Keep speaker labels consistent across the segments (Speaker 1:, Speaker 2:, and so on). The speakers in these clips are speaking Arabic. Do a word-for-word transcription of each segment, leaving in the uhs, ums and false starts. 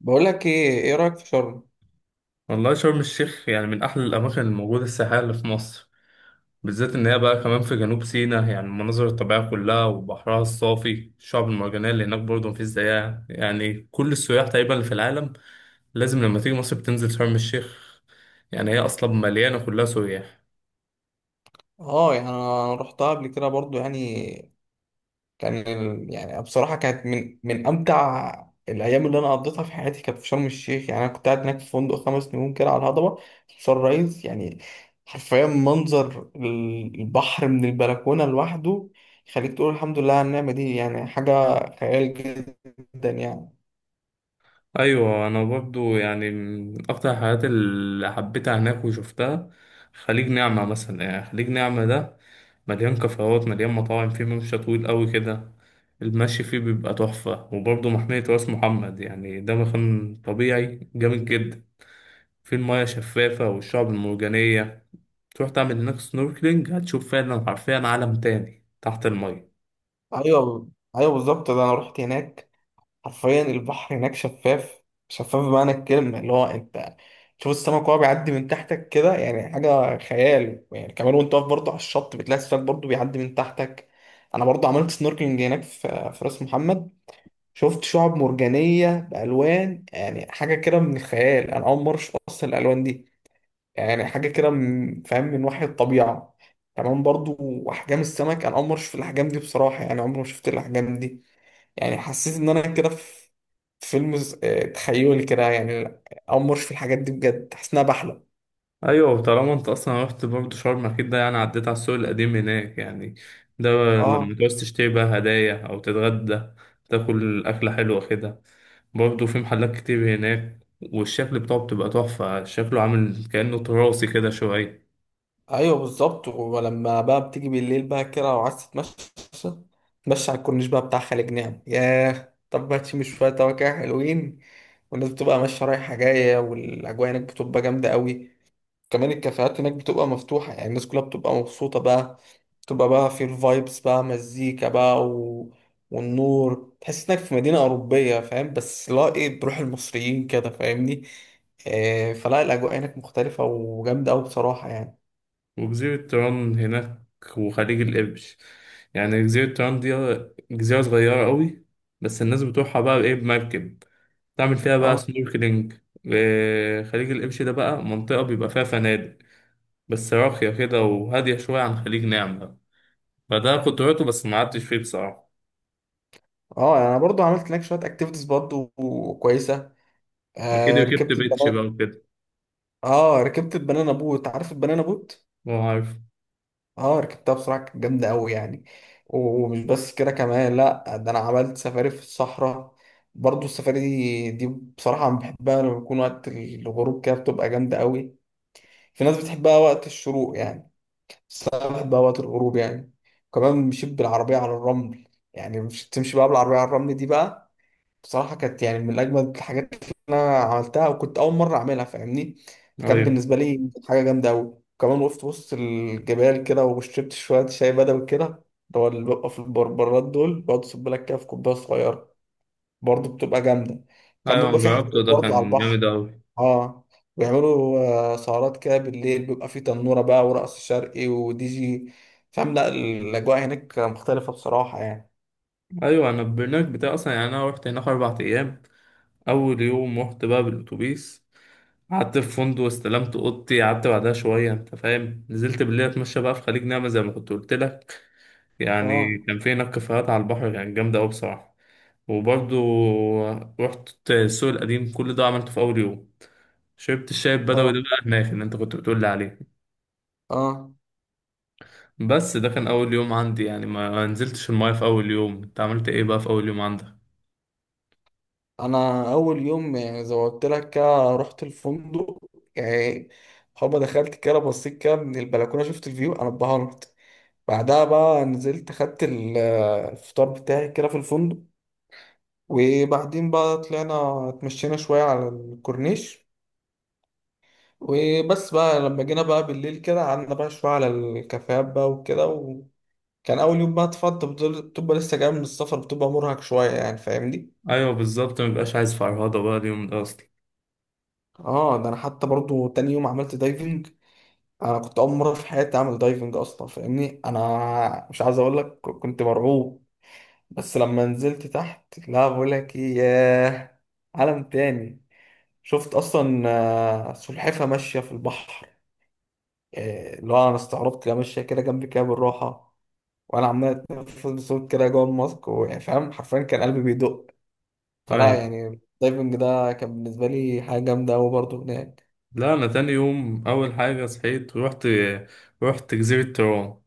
Speaker 1: بقول لك ايه ايه رايك في شرم؟
Speaker 2: والله شرم الشيخ يعني من أحلى الأماكن الموجودة السياحية اللي في مصر، بالذات إن هي بقى كمان في جنوب سيناء. يعني المناظر الطبيعية كلها وبحرها الصافي الشعب المرجانية اللي هناك برضه مفيش زيها، يعني كل السياح تقريبا اللي في العالم لازم لما تيجي مصر بتنزل شرم الشيخ. يعني هي أصلا مليانة كلها سياح.
Speaker 1: اه، يعني انا رحتها قبل كده برضو يعني. كان ال- يعني بصراحه كانت من من امتع الايام اللي انا قضيتها في حياتي، كانت في شرم الشيخ. يعني انا كنت قاعد هناك في فندق خمس نجوم كده على الهضبه، سان رايز يعني. حرفيا منظر ال- البحر من البلكونه لوحده يخليك تقول الحمد لله على النعمه دي، يعني حاجه خيال جدا يعني.
Speaker 2: ايوه انا برضو يعني من اكتر الحاجات اللي حبيتها هناك وشفتها خليج نعمة مثلا. يعني خليج نعمة ده مليان كافيهات مليان مطاعم، فيه ممشى طويل قوي كده المشي فيه بيبقى تحفة. وبرضو محمية راس محمد، يعني ده مكان طبيعي جامد جدا، فيه المياه شفافة والشعب المرجانية. تروح تعمل هناك سنوركلينج هتشوف فعلا حرفيا عالم تاني تحت المية.
Speaker 1: ايوه، ايوه، بالظبط، ده انا رحت هناك. حرفيا البحر هناك شفاف، شفاف بمعنى الكلمة، اللي هو انت تشوف السمك وهو بيعدي من تحتك كده، يعني حاجة خيال يعني. كمان وانت واقف برضه على الشط بتلاقي السمك برضه بيعدي من تحتك. انا برضه عملت سنوركلينج هناك في في راس محمد، شفت شعب مرجانية بألوان، يعني حاجة كده من الخيال. انا اول مرة اشوف اصلا الألوان دي، يعني حاجة كده من- فاهم، من وحي الطبيعة كمان برضه. احجام السمك، انا اول مرة اشوف الاحجام دي بصراحة، يعني عمري ما شفت الاحجام دي. يعني حسيت ان انا كده في في فيلم ز- آه، تخيلي كده يعني. امرش في الحاجات دي بجد، حاسس انها بحلم.
Speaker 2: ايوه طالما انت اصلا رحت برضه شرم اكيد ده يعني عديت على السوق القديم هناك. يعني ده لما
Speaker 1: اه.
Speaker 2: تعوز تشتري بقى هدايا او تتغدى تاكل اكله حلوه كده، برضه في محلات كتير هناك، والشكل بتاعه بتبقى تحفه شكله عامل كانه تراثي كده شويه.
Speaker 1: ايوه بالظبط، ولما بقى بتيجي بالليل بقى كده وعايز تتمشى، تمشي على الكورنيش بقى بتاع خالد، نعم، ياه، طب ما تشم شويه هوا كده حلوين. والناس بتبقى ماشيه رايحه جايه، والاجواء هناك بتبقى جامده قوي. كمان الكافيهات هناك بتبقى مفتوحة، يعني الناس كلها بتبقى مبسوطة بقى، بتبقى بقى في الفايبس بقى، مزيكا بقى، و... والنور، تحس انك في مدينة أوروبية، فاهم؟ بس لا، ايه، بروح المصريين كده، فاهمني؟ آه، فلا الأجواء هناك مختلفة وجامدة أوي بصراحة يعني.
Speaker 2: وجزيره طيران هناك وخليج القرش. يعني جزيره طيران دي جزيره صغيره قوي، بس الناس بتروحها بقى بايه بمركب تعمل فيها بقى
Speaker 1: اه.
Speaker 2: سنوركلينج. آه، خليج القرش ده بقى منطقه بيبقى فيها فنادق بس راقية كده وهادية شوية عن خليج نعمة، فده كنت روحته بس ما قعدتش فيه بصراحة.
Speaker 1: اه، يعني انا برضو عملت هناك شويه اكتيفيتيز برضو كويسه.
Speaker 2: أكيد
Speaker 1: آه،
Speaker 2: ركبت
Speaker 1: ركبت
Speaker 2: بيتش بقى
Speaker 1: البنانا.
Speaker 2: وكده.
Speaker 1: اه، ركبت البنانا بوت، عارف البنانا بوت؟
Speaker 2: هو عارف.
Speaker 1: اه ركبتها بصراحة كانت جامدة أوي يعني. ومش بس كده كمان، لأ، ده أنا عملت سفاري في الصحراء برضو. السفاري دي, دي بصراحة أنا بحبها لما بيكون وقت الغروب كده، بتبقى جامدة أوي. في ناس بتحبها وقت الشروق يعني، بس أنا بحبها وقت الغروب يعني. وكمان مشيت بالعربية على الرمل، يعني مش تمشي بقى بالعربية على الرمل دي بقى، بصراحة كانت يعني من أجمد الحاجات اللي أنا عملتها، وكنت أول مرة أعملها فاهمني، فكانت
Speaker 2: أيوة.
Speaker 1: بالنسبة لي حاجة جامدة أوي. وكمان وقفت وسط الجبال كده وشربت شوية شاي بدوي كده، اللي هو اللي بيبقى في البربرات دول، بقعد أصب لك كده في كوباية صغيرة، برضه بتبقى جامدة. كان
Speaker 2: أيوة أنا
Speaker 1: بيبقى في
Speaker 2: جربته
Speaker 1: حفلات
Speaker 2: ده
Speaker 1: برضه على
Speaker 2: كان
Speaker 1: البحر.
Speaker 2: جامد أوي.
Speaker 1: أه بيعملوا آه، سهرات كده بالليل، بيبقى في تنورة بقى ورقص شرقي ودي جي، فاهم؟ لا الأجواء هناك مختلفة بصراحة يعني.
Speaker 2: أيوة أنا البرنامج بتاعي أصلا، يعني أنا روحت هناك أربع أيام. أول يوم رحت بقى بالأتوبيس، قعدت في فندق استلمت أوضتي، قعدت بعدها شوية أنت فاهم، نزلت بالليل أتمشى بقى في خليج نعمة زي ما كنت قلت لك.
Speaker 1: أه.
Speaker 2: يعني كان في هناك كافيهات على البحر كانت جامدة أوي بصراحة. وبرضه رحت السوق القديم، كل ده عملته في أول يوم. شربت الشاي البدوي
Speaker 1: أه.
Speaker 2: ده بقى هناك اللي انت كنت بتقول لي عليه.
Speaker 1: أه.
Speaker 2: بس ده كان اول يوم عندي، يعني ما ما نزلتش المايه في اول يوم. انت عملت ايه بقى في اول يوم عندك؟
Speaker 1: انا اول يوم يعني زي ما قلت لك كده رحت الفندق يعني. هما دخلت كده بصيت كده من البلكونه، شفت الفيو، انا اتبهرت. بعدها بقى نزلت خدت ال- الفطار بتاعي كده في الفندق. وبعدين بقى طلعنا اتمشينا شويه على الكورنيش. وبس بقى لما جينا بقى بالليل كده قعدنا بقى شويه على الكافيهات بقى وكده. وكان اول يوم بقى اتفضل، بتبقى بتبقى لسه جاي من السفر، بتبقى مرهق شويه يعني فاهمني.
Speaker 2: ايوه بالظبط ما بيبقاش عايز فرهضه بقى اليوم ده اصلا.
Speaker 1: اه، ده انا حتى برضو تاني يوم عملت دايفنج. انا كنت اول مره في حياتي اعمل دايفنج اصلا، فاهمني؟ انا مش عايز اقول لك كنت مرعوب. بس لما نزلت تحت، لا بقول لك ايه، ياه، عالم تاني. شفت اصلا آه، سلحفه ماشيه في البحر، آه، اللي هو انا استغربت لها، ماشيه كده جنبي كده بالراحه، وانا عمال اتنفس بصوت كده جوه الماسك، ويعني فاهم حرفيا كان قلبي بيدق. فلا
Speaker 2: ايوه
Speaker 1: يعني الدايفنج ده كان بالنسبه لي حاجه جامده قوي برضه هناك.
Speaker 2: لا انا تاني يوم اول حاجه صحيت ورحت، رحت جزيره ترون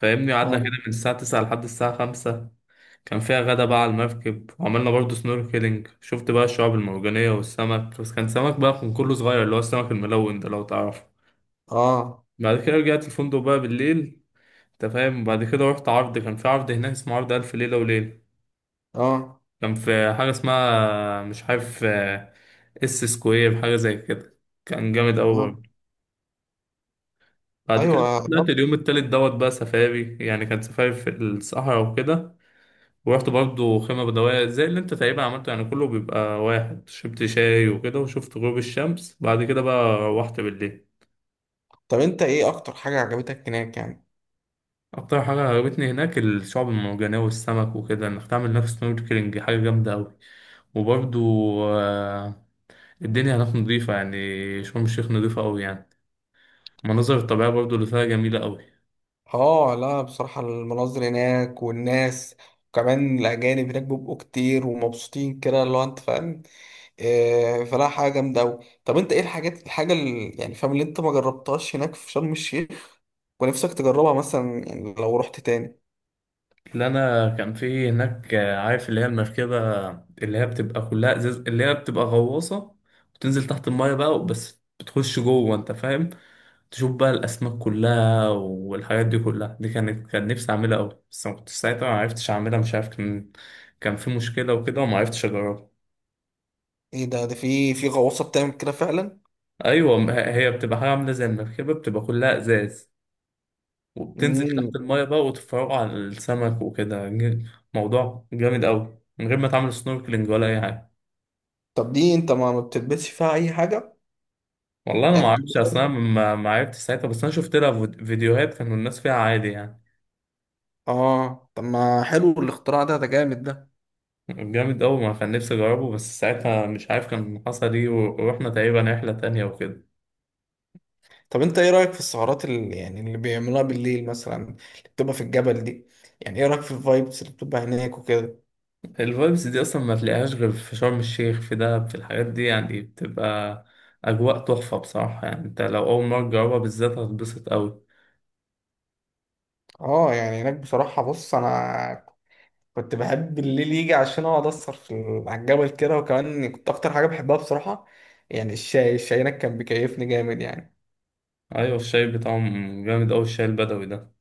Speaker 2: فاهمني، قعدنا كده
Speaker 1: اه.
Speaker 2: من الساعه تسعة لحد الساعه خمسة. كان فيها غدا بقى على المركب وعملنا برضه سنوركلينج، شفت بقى الشعاب المرجانيه والسمك، بس كان سمك بقى كان كله صغير اللي هو السمك الملون ده لو تعرفه.
Speaker 1: اه.
Speaker 2: بعد كده رجعت الفندق بقى بالليل انت فاهم. بعد كده رحت عرض، كان في عرض هناك اسمه عرض ألف ليلة وليلة.
Speaker 1: اه.
Speaker 2: كان في حاجة اسمها مش عارف آه، اس سكوير حاجة زي كده، كان جامد أوي
Speaker 1: اه.
Speaker 2: برضه. بعد كده
Speaker 1: ايوه.
Speaker 2: طلعت اليوم التالت دوت بقى سفاري، يعني كان سفاري في الصحراء وكده. ورحت برضه خيمة بدوية زي اللي انت تقريبا عملته، يعني كله بيبقى واحد، شربت شاي وكده وشفت غروب الشمس، بعد كده بقى روحت بالليل.
Speaker 1: طب انت ايه اكتر حاجة عجبتك هناك يعني؟
Speaker 2: اكتر حاجه عجبتني هناك الشعب المرجانيه والسمك وكده، انك تعمل نفس سنوركلينج حاجه جامده قوي. وبرضو آه، الدنيا هناك نظيفه، يعني شرم الشيخ نظيفه قوي يعني. المناظر الطبيعيه برضو اللي فيها جميله قوي.
Speaker 1: اه لا بصراحة المناظر هناك والناس، وكمان الاجانب هناك بيبقوا كتير ومبسوطين كده، اللي هو انت فاهم، إيه، فلا حاجة جامدة اوي. طب انت ايه الحاجات الحاجة اللي يعني فاهم، اللي انت ما جربتهاش هناك في شرم الشيخ ونفسك تجربها مثلا، يعني لو رحت تاني؟
Speaker 2: اللي انا كان في هناك آه، عارف اللي هي المركبه اللي هي بتبقى كلها ازاز اللي هي بتبقى غواصه، وتنزل تحت المايه بقى بس بتخش جوه انت فاهم، تشوف بقى الاسماك كلها والحاجات دي كلها. دي كانت كان نفسي اعملها قوي، بس ما كنتش ساعتها ما عرفتش اعملها، مش عارف كان كان في مشكله وكده وما عرفتش اجربها.
Speaker 1: ايه ده ده في في غواصة بتعمل كده فعلا؟
Speaker 2: ايوه ما هي هي بتبقى حاجه عامله زي المركبه بتبقى كلها ازاز، وبتنزل تحت
Speaker 1: امم.
Speaker 2: المايه بقى وتتفرجوا على السمك وكده ج- موضوع جامد قوي من غير ما تعمل سنوركلينج ولا اي حاجه.
Speaker 1: طب دي انت ما ما بتلبسش فيها اي حاجة؟
Speaker 2: والله انا ما
Speaker 1: يعني
Speaker 2: اعرفش اصلا،
Speaker 1: بتلبس-
Speaker 2: ما ما عرفتش ساعتها، بس انا شفت لها فيد- فيديوهات كانوا الناس فيها عادي يعني.
Speaker 1: اه، طب ما حلو الاختراع ده، ده جامد ده.
Speaker 2: جامد قوي ما كان نفسي اجربه، بس ساعتها مش عارف كان حصل ايه و- ورحنا تقريبا رحله تانية وكده.
Speaker 1: طب انت ايه رأيك في السهرات اللي يعني اللي بيعملوها بالليل مثلا، اللي بتبقى في الجبل دي؟ يعني ايه رأيك في الفايبس اللي بتبقى هناك وكده؟
Speaker 2: الفايبس دي اصلا ما تلاقيهاش غير في شرم الشيخ في دهب، في الحاجات دي يعني بتبقى اجواء تحفه بصراحه، يعني انت لو اول مره تجربها بالذات هتتبسط قوي.
Speaker 1: اه يعني هناك بصراحة بص انا كنت بحب الليل يجي عشان اقعد اسهر في ال- على الجبل كده. وكمان كنت اكتر حاجة بحبها بصراحة يعني الشاي الشاي هناك كان بيكيفني جامد يعني.
Speaker 2: ايوه الشاي بتاعهم جامد قوي الشاي البدوي ده.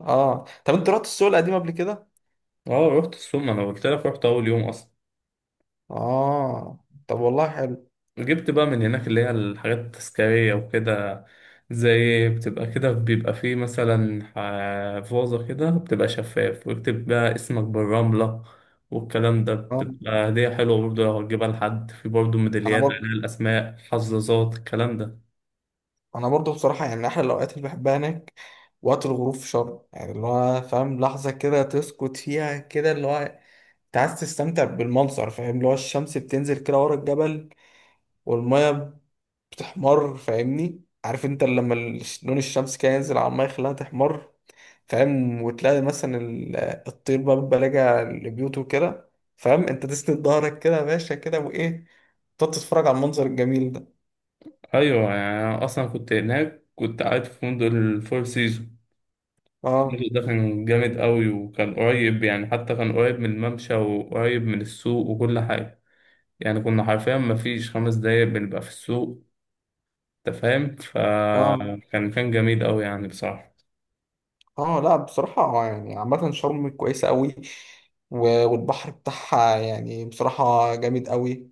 Speaker 1: اه، طب انت رحت السوق القديم قبل كده؟
Speaker 2: اه رحت السوق، ما انا قلت لك رحت اول يوم اصلا.
Speaker 1: اه، طب والله حلو.
Speaker 2: جبت بقى من هناك اللي هي الحاجات التذكارية وكده، زي بتبقى كده بيبقى فيه مثلا ح- فوزة كده بتبقى شفاف ويكتب بقى اسمك بالرملة والكلام ده،
Speaker 1: اه،
Speaker 2: بتبقى هدية حلوة برضه لو هتجيبها لحد. في برضه
Speaker 1: انا
Speaker 2: ميداليات
Speaker 1: برضه،
Speaker 2: عليها الأسماء حظاظات الكلام ده.
Speaker 1: انا برضه بصراحة يعني من احلى الاوقات اللي بحبها هناك وقت الغروب في شرم. يعني اللي هو فاهم لحظة كده تسكت فيها كده، اللي هو انت عايز تستمتع بالمنظر، فاهم؟ اللي هو الشمس بتنزل كده ورا الجبل، والمية بتحمر، فاهمني؟ عارف انت لما ال- لون الشمس كده ينزل على المية يخليها تحمر، فاهم؟ وتلاقي مثلا ال- الطير بقى بيبقى راجع لبيوته كده، فاهم؟ انت تسند ظهرك كده يا باشا كده، وايه، تقعد تتفرج على المنظر الجميل ده.
Speaker 2: أيوة يعني أنا أصلا كنت هناك كنت قاعد في فندق الفور سيزون. الفندق
Speaker 1: اه.
Speaker 2: ده كان جامد قوي، وكان قريب، يعني حتى كان قريب من الممشى وقريب من السوق وكل حاجة، يعني كنا حرفيا مفيش خمس دقايق بنبقى في السوق انت فاهم.
Speaker 1: اه.
Speaker 2: فكان كان جميل قوي يعني بصراحة.
Speaker 1: اه لا بصراحة يعني عامة شرم كويسة قوي. و- والبحر بتاعها يعني بصراحة جامد قوي.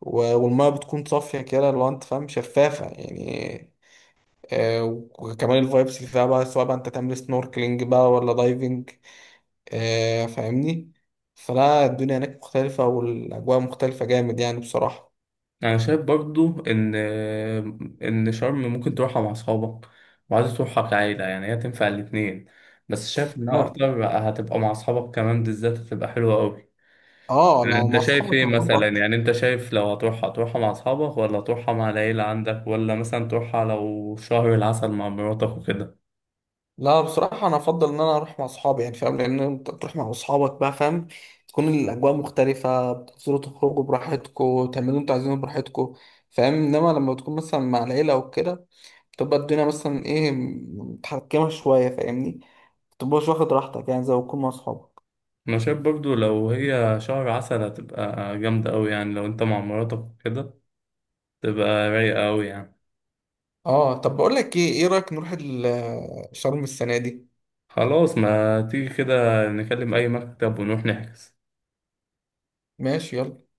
Speaker 1: و- والمية بتكون صافية كده لو انت فاهم، شفافة يعني. آه، وكمان الفايبس اللي فيها بقى، سواء بقى انت تعمل سنوركلينج بقى ولا دايفنج، آه، فاهمني؟ فلا الدنيا هناك مختلفة والأجواء مختلفة جامد يعني بصراحة.
Speaker 2: انا شايف برضو ان ان شرم ممكن تروحها مع اصحابك، وعايز تروحها كعيلة، يعني هي تنفع الاتنين، بس شايف انها
Speaker 1: لا.
Speaker 2: اكتر هتبقى مع اصحابك، كمان بالذات هتبقى حلوة قوي.
Speaker 1: اه لو
Speaker 2: انت
Speaker 1: مع
Speaker 2: شايف
Speaker 1: أصحابك
Speaker 2: ايه
Speaker 1: هتبقى
Speaker 2: مثلا؟
Speaker 1: أكتر.
Speaker 2: يعني انت شايف لو هتروحها تروحها مع اصحابك، ولا تروحها مع العيلة عندك، ولا مثلا تروحها لو شهر العسل مع مراتك وكده؟
Speaker 1: لا بصراحة أنا أفضل إن أنا أروح مع أصحابي، يعني فاهم؟ لأن أنت تروح مع أصحابك بقى فاهم، تكون الأجواء مختلفة، بتنزلوا تخرجوا براحتكوا، تعملوا أنتوا عايزينه براحتكوا. فاهم؟ إنما لما تكون مثلا مع العيلة وكده بتبقى الدنيا مثلا، إيه، متحكمة شوية فاهمني، متبقاش واخد راحتك يعني زي ما تكون مع أصحابك.
Speaker 2: انا شايف برضو لو هي شهر عسل هتبقى جامدة أوي، يعني لو أنت مع مراتك كده تبقى رايقة أوي يعني.
Speaker 1: أه، طب بقول لك إيه إيه رأيك نروح ال- شرم السنة دي؟
Speaker 2: خلاص ما تيجي كده، نكلم أي مكتب ونروح نحجز.
Speaker 1: ماشي، يلا.